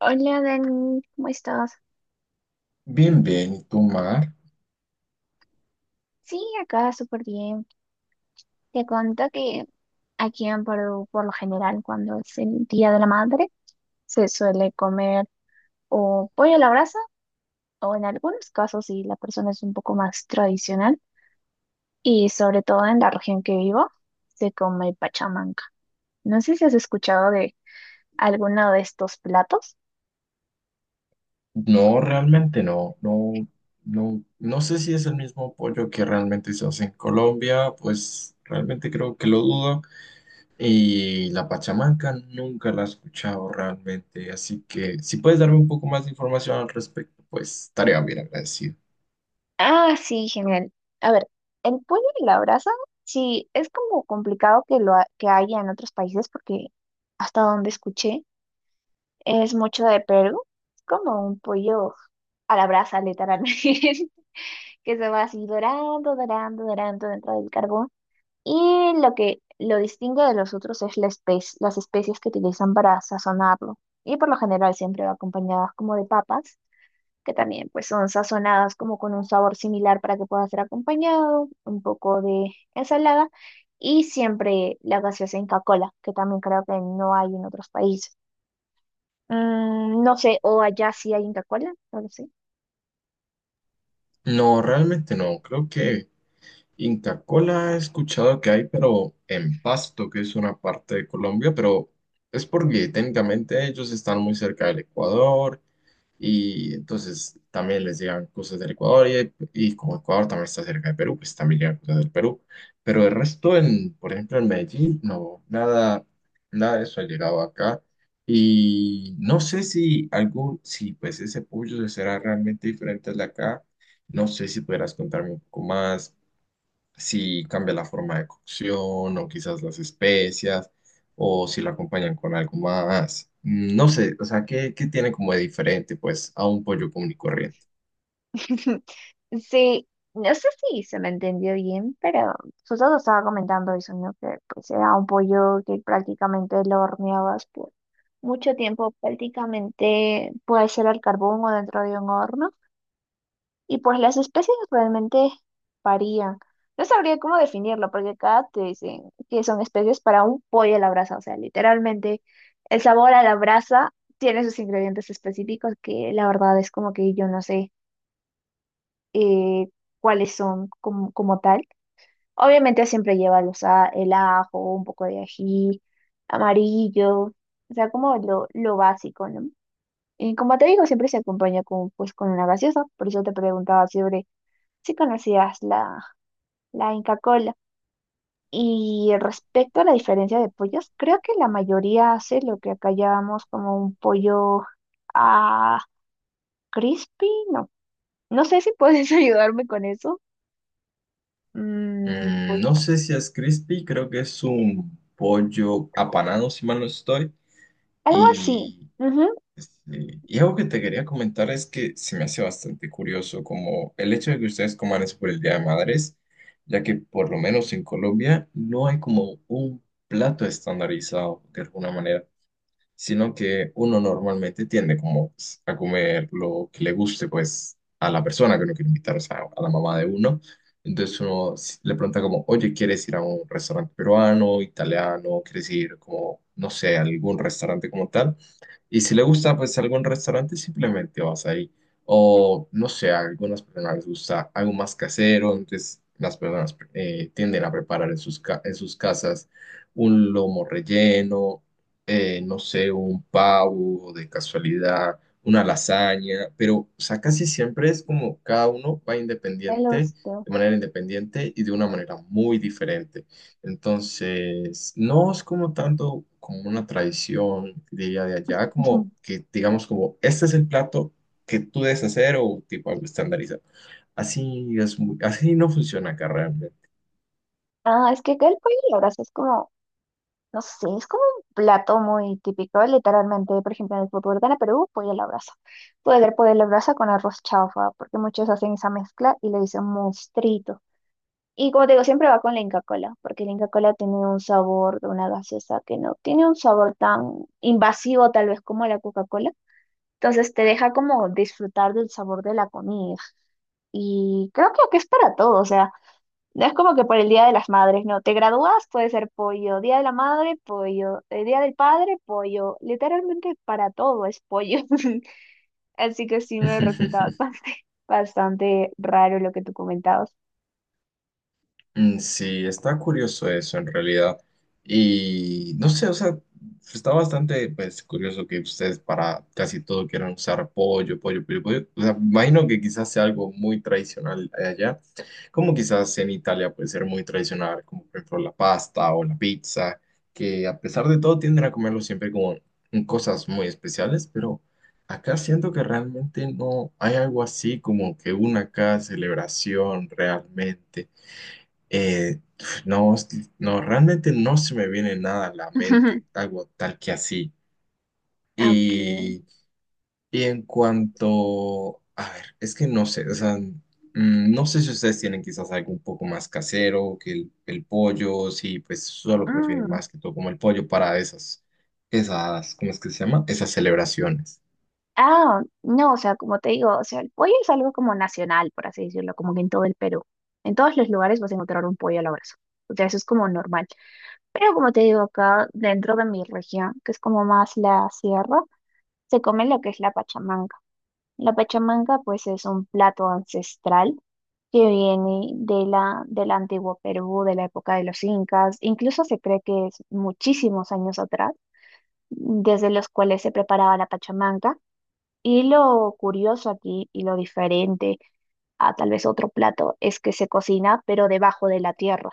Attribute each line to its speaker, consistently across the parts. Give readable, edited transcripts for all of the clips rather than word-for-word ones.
Speaker 1: Hola Dani, ¿cómo estás?
Speaker 2: Bien, bien, ¿y tú, Mar?
Speaker 1: Sí, acá súper bien. Te cuento que aquí en Perú, por lo general, cuando es el Día de la Madre, se suele comer o pollo a la brasa, o en algunos casos, si la persona es un poco más tradicional, y sobre todo en la región que vivo, se come pachamanca. No sé si has escuchado de alguno de estos platos.
Speaker 2: No, realmente no sé si es el mismo pollo que realmente se hace en Colombia, pues realmente creo que lo dudo. Y la pachamanca nunca la he escuchado realmente, así que si puedes darme un poco más de información al respecto, pues estaría bien agradecido.
Speaker 1: Ah, sí, genial. A ver, el pollo y la brasa, sí, es como complicado que que haya en otros países porque hasta donde escuché es mucho de Perú. Es como un pollo a la brasa, literalmente, que se va así dorando, dorando, dorando dentro del carbón. Y lo que lo distingue de los otros es las especias que utilizan para sazonarlo. Y por lo general siempre va acompañadas como de papas que también pues son sazonadas como con un sabor similar para que pueda ser acompañado, un poco de ensalada y siempre la gaseosa Inca Kola, que también creo que no hay en otros países. Mm, no sé, o allá sí hay Inca Kola, no lo sé.
Speaker 2: No, realmente no, creo que Inca Kola he escuchado que hay, pero en Pasto, que es una parte de Colombia, pero es porque técnicamente ellos están muy cerca del Ecuador y entonces también les llegan cosas del Ecuador y como Ecuador también está cerca de Perú, pues también llegan cosas del Perú. Pero el resto, en, por ejemplo, en Medellín, no, nada, nada de eso ha llegado acá. Y no sé si algún, si pues ese pollo será realmente diferente al de acá. No sé si podrás contarme un poco más si cambia la forma de cocción o quizás las especias o si lo acompañan con algo más. No sé, o sea, ¿qué, qué tiene como de diferente pues a un pollo común y corriente?
Speaker 1: Sí, no sé si se me entendió bien, pero Soto estaba comentando eso, ¿no? Que pues era un pollo que prácticamente lo horneabas por mucho tiempo, prácticamente puede ser al carbón o dentro de un horno. Y pues las especies realmente varían. No sabría cómo definirlo, porque acá te dicen que son especies para un pollo a la brasa. O sea, literalmente el sabor a la brasa tiene sus ingredientes específicos que la verdad es como que yo no sé eh, cuáles son como tal. Obviamente siempre lleva el ajo, un poco de ají, amarillo, o sea, como lo básico, ¿no? Y como te digo, siempre se acompaña con, pues, con una gaseosa. Por eso te preguntaba siempre si conocías la Inca Kola. Y respecto a la diferencia de pollos, creo que la mayoría hace lo que acá llamamos como un pollo a crispy, no. No sé si puedes ayudarme con eso. Mm,
Speaker 2: Mm,
Speaker 1: pollo-
Speaker 2: no sé si es crispy, creo que es un pollo apanado, si mal no estoy,
Speaker 1: algo así.
Speaker 2: y
Speaker 1: Ujú,
Speaker 2: sí, y algo que te quería comentar es que se me hace bastante curioso como el hecho de que ustedes coman eso por el Día de Madres, ya que por lo menos en Colombia no hay como un plato estandarizado de alguna manera, sino que uno normalmente tiende como pues, a comer lo que le guste pues a la persona que uno quiere invitar, o sea, a la mamá de uno. Entonces le pregunta como, oye, ¿quieres ir a un restaurante peruano, italiano? ¿Quieres ir como, no sé, a algún restaurante como tal? Y si le gusta, pues algún restaurante, simplemente vas ahí. O no sé, a algunas personas les gusta algo más casero, entonces las personas tienden a preparar en en sus casas un lomo relleno, no sé, un pavo de casualidad, una lasaña, pero o sea, casi siempre es como cada uno va
Speaker 1: el
Speaker 2: independiente,
Speaker 1: osteo.
Speaker 2: de manera independiente y de una manera muy diferente. Entonces, no es como tanto como una tradición, diría de allá, como que digamos como este es el plato que tú debes hacer o tipo algo estandarizado. Así es así no funciona acá realmente.
Speaker 1: Ah, es que acá el pollo a la brasa es como no sé, es como un plato muy típico, literalmente. Por ejemplo, en el fútbol gana Perú, pollo a la brasa. Puede ser pollo a la brasa con arroz chaufa, porque muchos hacen esa mezcla y le dicen mostrito. Y como te digo, siempre va con la Inca Kola, porque la Inca Kola tiene un sabor de una gaseosa que no tiene un sabor tan invasivo, tal vez como la Coca-Cola. Entonces te deja como disfrutar del sabor de la comida. Y creo que es para todo, o sea. No es como que por el Día de las Madres, no. Te gradúas, puede ser pollo. Día de la Madre, pollo. El Día del Padre, pollo. Literalmente para todo es pollo. Así que sí me resultaba bastante raro lo que tú comentabas.
Speaker 2: Mm, sí, está curioso eso en realidad. Y no sé, o sea, está bastante pues, curioso que ustedes para casi todo quieran usar pollo, pollo, pollo, pollo. O sea, imagino que quizás sea algo muy tradicional allá, como quizás en Italia puede ser muy tradicional, como por ejemplo la pasta o la pizza, que a pesar de todo tienden a comerlo siempre como en cosas muy especiales, pero acá siento que realmente no hay algo así como que una acá celebración realmente. Eh, no, no, realmente no se me viene nada a la mente, algo tal que así.
Speaker 1: Ok.
Speaker 2: Y, y en cuanto, a ver, es que no sé, o sea, no sé si ustedes tienen quizás algo un poco más casero que el pollo, si pues solo prefieren
Speaker 1: Mm.
Speaker 2: más que todo como el pollo para esas, esas, ¿cómo es que se llama? Esas celebraciones.
Speaker 1: Ah, no, o sea, como te digo, o sea, el pollo es algo como nacional, por así decirlo, como que en todo el Perú. En todos los lugares vas a encontrar un pollo al abrazo. O sea, eso es como normal. Pero como te digo, acá dentro de mi región, que es como más la sierra, se come lo que es la pachamanca. La pachamanca pues es un plato ancestral que viene de del antiguo Perú, de la época de los incas, incluso se cree que es muchísimos años atrás, desde los cuales se preparaba la pachamanca. Y lo curioso aquí y lo diferente a tal vez otro plato es que se cocina pero debajo de la tierra.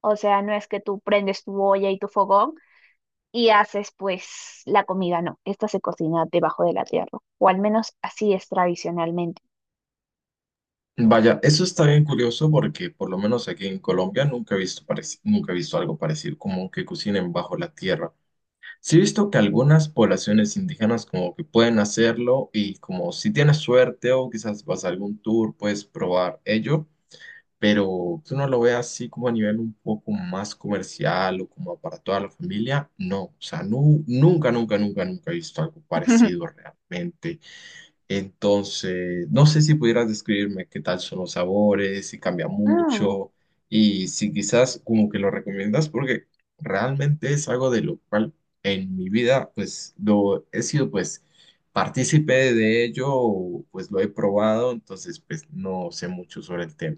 Speaker 1: O sea, no es que tú prendes tu olla y tu fogón y haces pues la comida, no, esta se cocina debajo de la tierra, o al menos así es tradicionalmente.
Speaker 2: Vaya, eso está bien curioso porque por lo menos aquí en Colombia nunca he visto algo parecido, como que cocinen bajo la tierra. Sí he visto que algunas poblaciones indígenas como que pueden hacerlo y como si tienes suerte o quizás vas a algún tour, puedes probar ello, pero que uno lo vea así como a nivel un poco más comercial o como para toda la familia, no, o sea, nunca, nunca, nunca, nunca he visto algo parecido realmente. Entonces, no sé si pudieras describirme qué tal son los sabores, si cambia
Speaker 1: Mm,
Speaker 2: mucho y si quizás como que lo recomiendas, porque realmente es algo de lo cual en mi vida pues lo he sido pues partícipe de ello, o, pues lo he probado, entonces pues no sé mucho sobre el tema.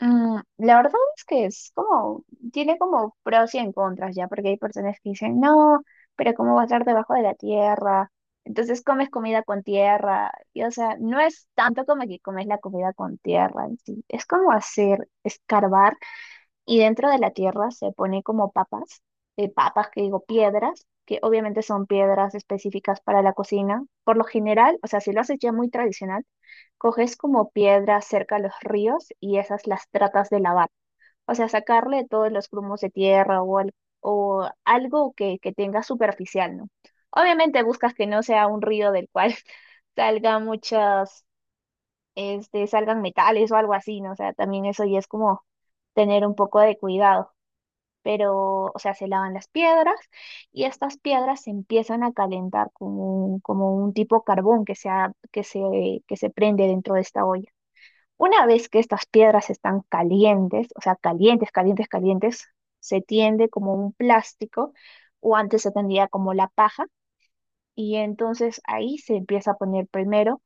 Speaker 1: la verdad es que es como tiene como pros y en contras ya, porque hay personas que dicen, no, pero ¿cómo va a estar debajo de la tierra? Entonces comes comida con tierra, y o sea, no es tanto como que comes la comida con tierra en sí, es como hacer, escarbar y dentro de la tierra se pone como papas, papas que digo piedras, que obviamente son piedras específicas para la cocina. Por lo general, o sea, si lo haces ya muy tradicional, coges como piedras cerca a los ríos y esas las tratas de lavar. O sea, sacarle todos los grumos de tierra o algo que tenga superficial, ¿no? Obviamente buscas que no sea un río del cual salgan muchas, este, salgan metales o algo así, ¿no? O sea, también eso ya es como tener un poco de cuidado pero, o sea, se lavan las piedras y estas piedras se empiezan a calentar como como un tipo carbón que se prende dentro de esta olla. Una vez que estas piedras están calientes, o sea, calientes, calientes, calientes, se tiende como un plástico o antes se tendía como la paja y entonces ahí se empieza a poner primero.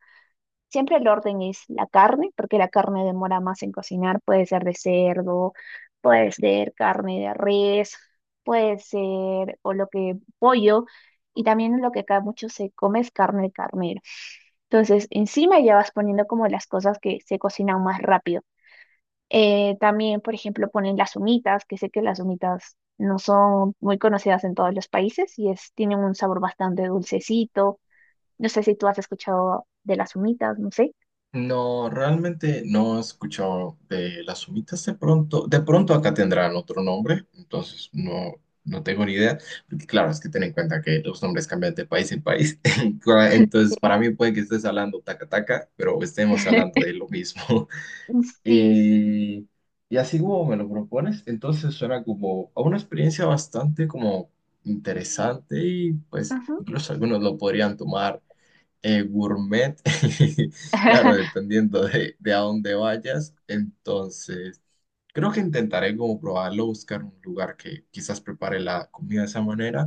Speaker 1: Siempre el orden es la carne, porque la carne demora más en cocinar. Puede ser de cerdo, puede ser carne de res, puede ser o lo que pollo. Y también lo que acá mucho se come es carne de carnero. Entonces, encima ya vas poniendo como las cosas que se cocinan más rápido. También, por ejemplo, ponen las humitas, que sé que las humitas no son muy conocidas en todos los países tienen un sabor bastante dulcecito. No sé si tú has escuchado de las humitas, no sé.
Speaker 2: No, realmente no he escuchado de las humitas de pronto. De pronto acá tendrán otro nombre, entonces no, no tengo ni idea. Porque claro, es que ten en cuenta que los nombres cambian de país en país.
Speaker 1: Sí,
Speaker 2: Entonces, para mí puede que estés hablando taca taca, pero estemos hablando de lo mismo.
Speaker 1: sí.
Speaker 2: Y, y así como me lo propones, entonces suena como a una experiencia bastante como interesante y pues
Speaker 1: Ujú.
Speaker 2: incluso algunos lo podrían tomar gourmet, claro, dependiendo de a dónde vayas. Entonces, creo que intentaré como probarlo, buscar un lugar que quizás prepare la comida de esa manera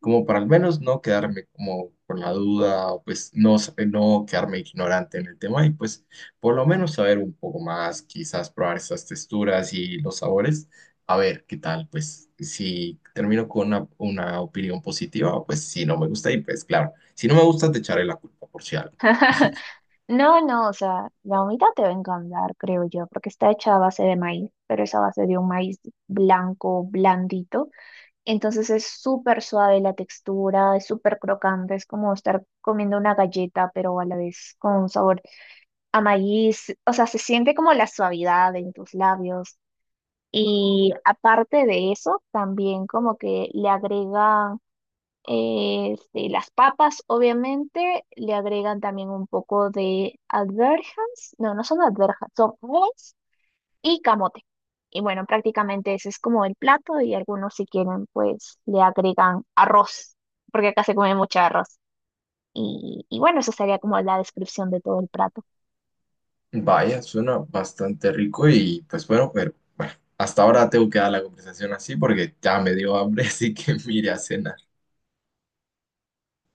Speaker 2: como para al menos no quedarme como con la duda, o pues no, no quedarme ignorante en el tema y pues por lo menos saber un poco más, quizás probar esas texturas y los sabores, a ver qué tal, pues si termino con una opinión positiva, pues si no me gusta y pues claro, si no me gusta te echaré la culpa por si algo.
Speaker 1: No, no, o sea, la humita te va a encantar, creo yo, porque está hecha a base de maíz, pero es a base de un maíz blanco, blandito. Entonces es súper suave la textura, es súper crocante, es como estar comiendo una galleta, pero a la vez con un sabor a maíz. O sea, se siente como la suavidad en tus labios. Y aparte de eso, también como que le agrega este, las papas, obviamente, le agregan también un poco de alverjas. No, no son alverjas, son moles y camote. Y bueno, prácticamente ese es como el plato y algunos si quieren, pues le agregan arroz, porque acá se come mucho arroz. Y bueno, eso sería como la descripción de todo el plato.
Speaker 2: Vaya, suena bastante rico y pues bueno, pero bueno, hasta ahora tengo que dar la conversación así porque ya me dio hambre, así que mire a cenar.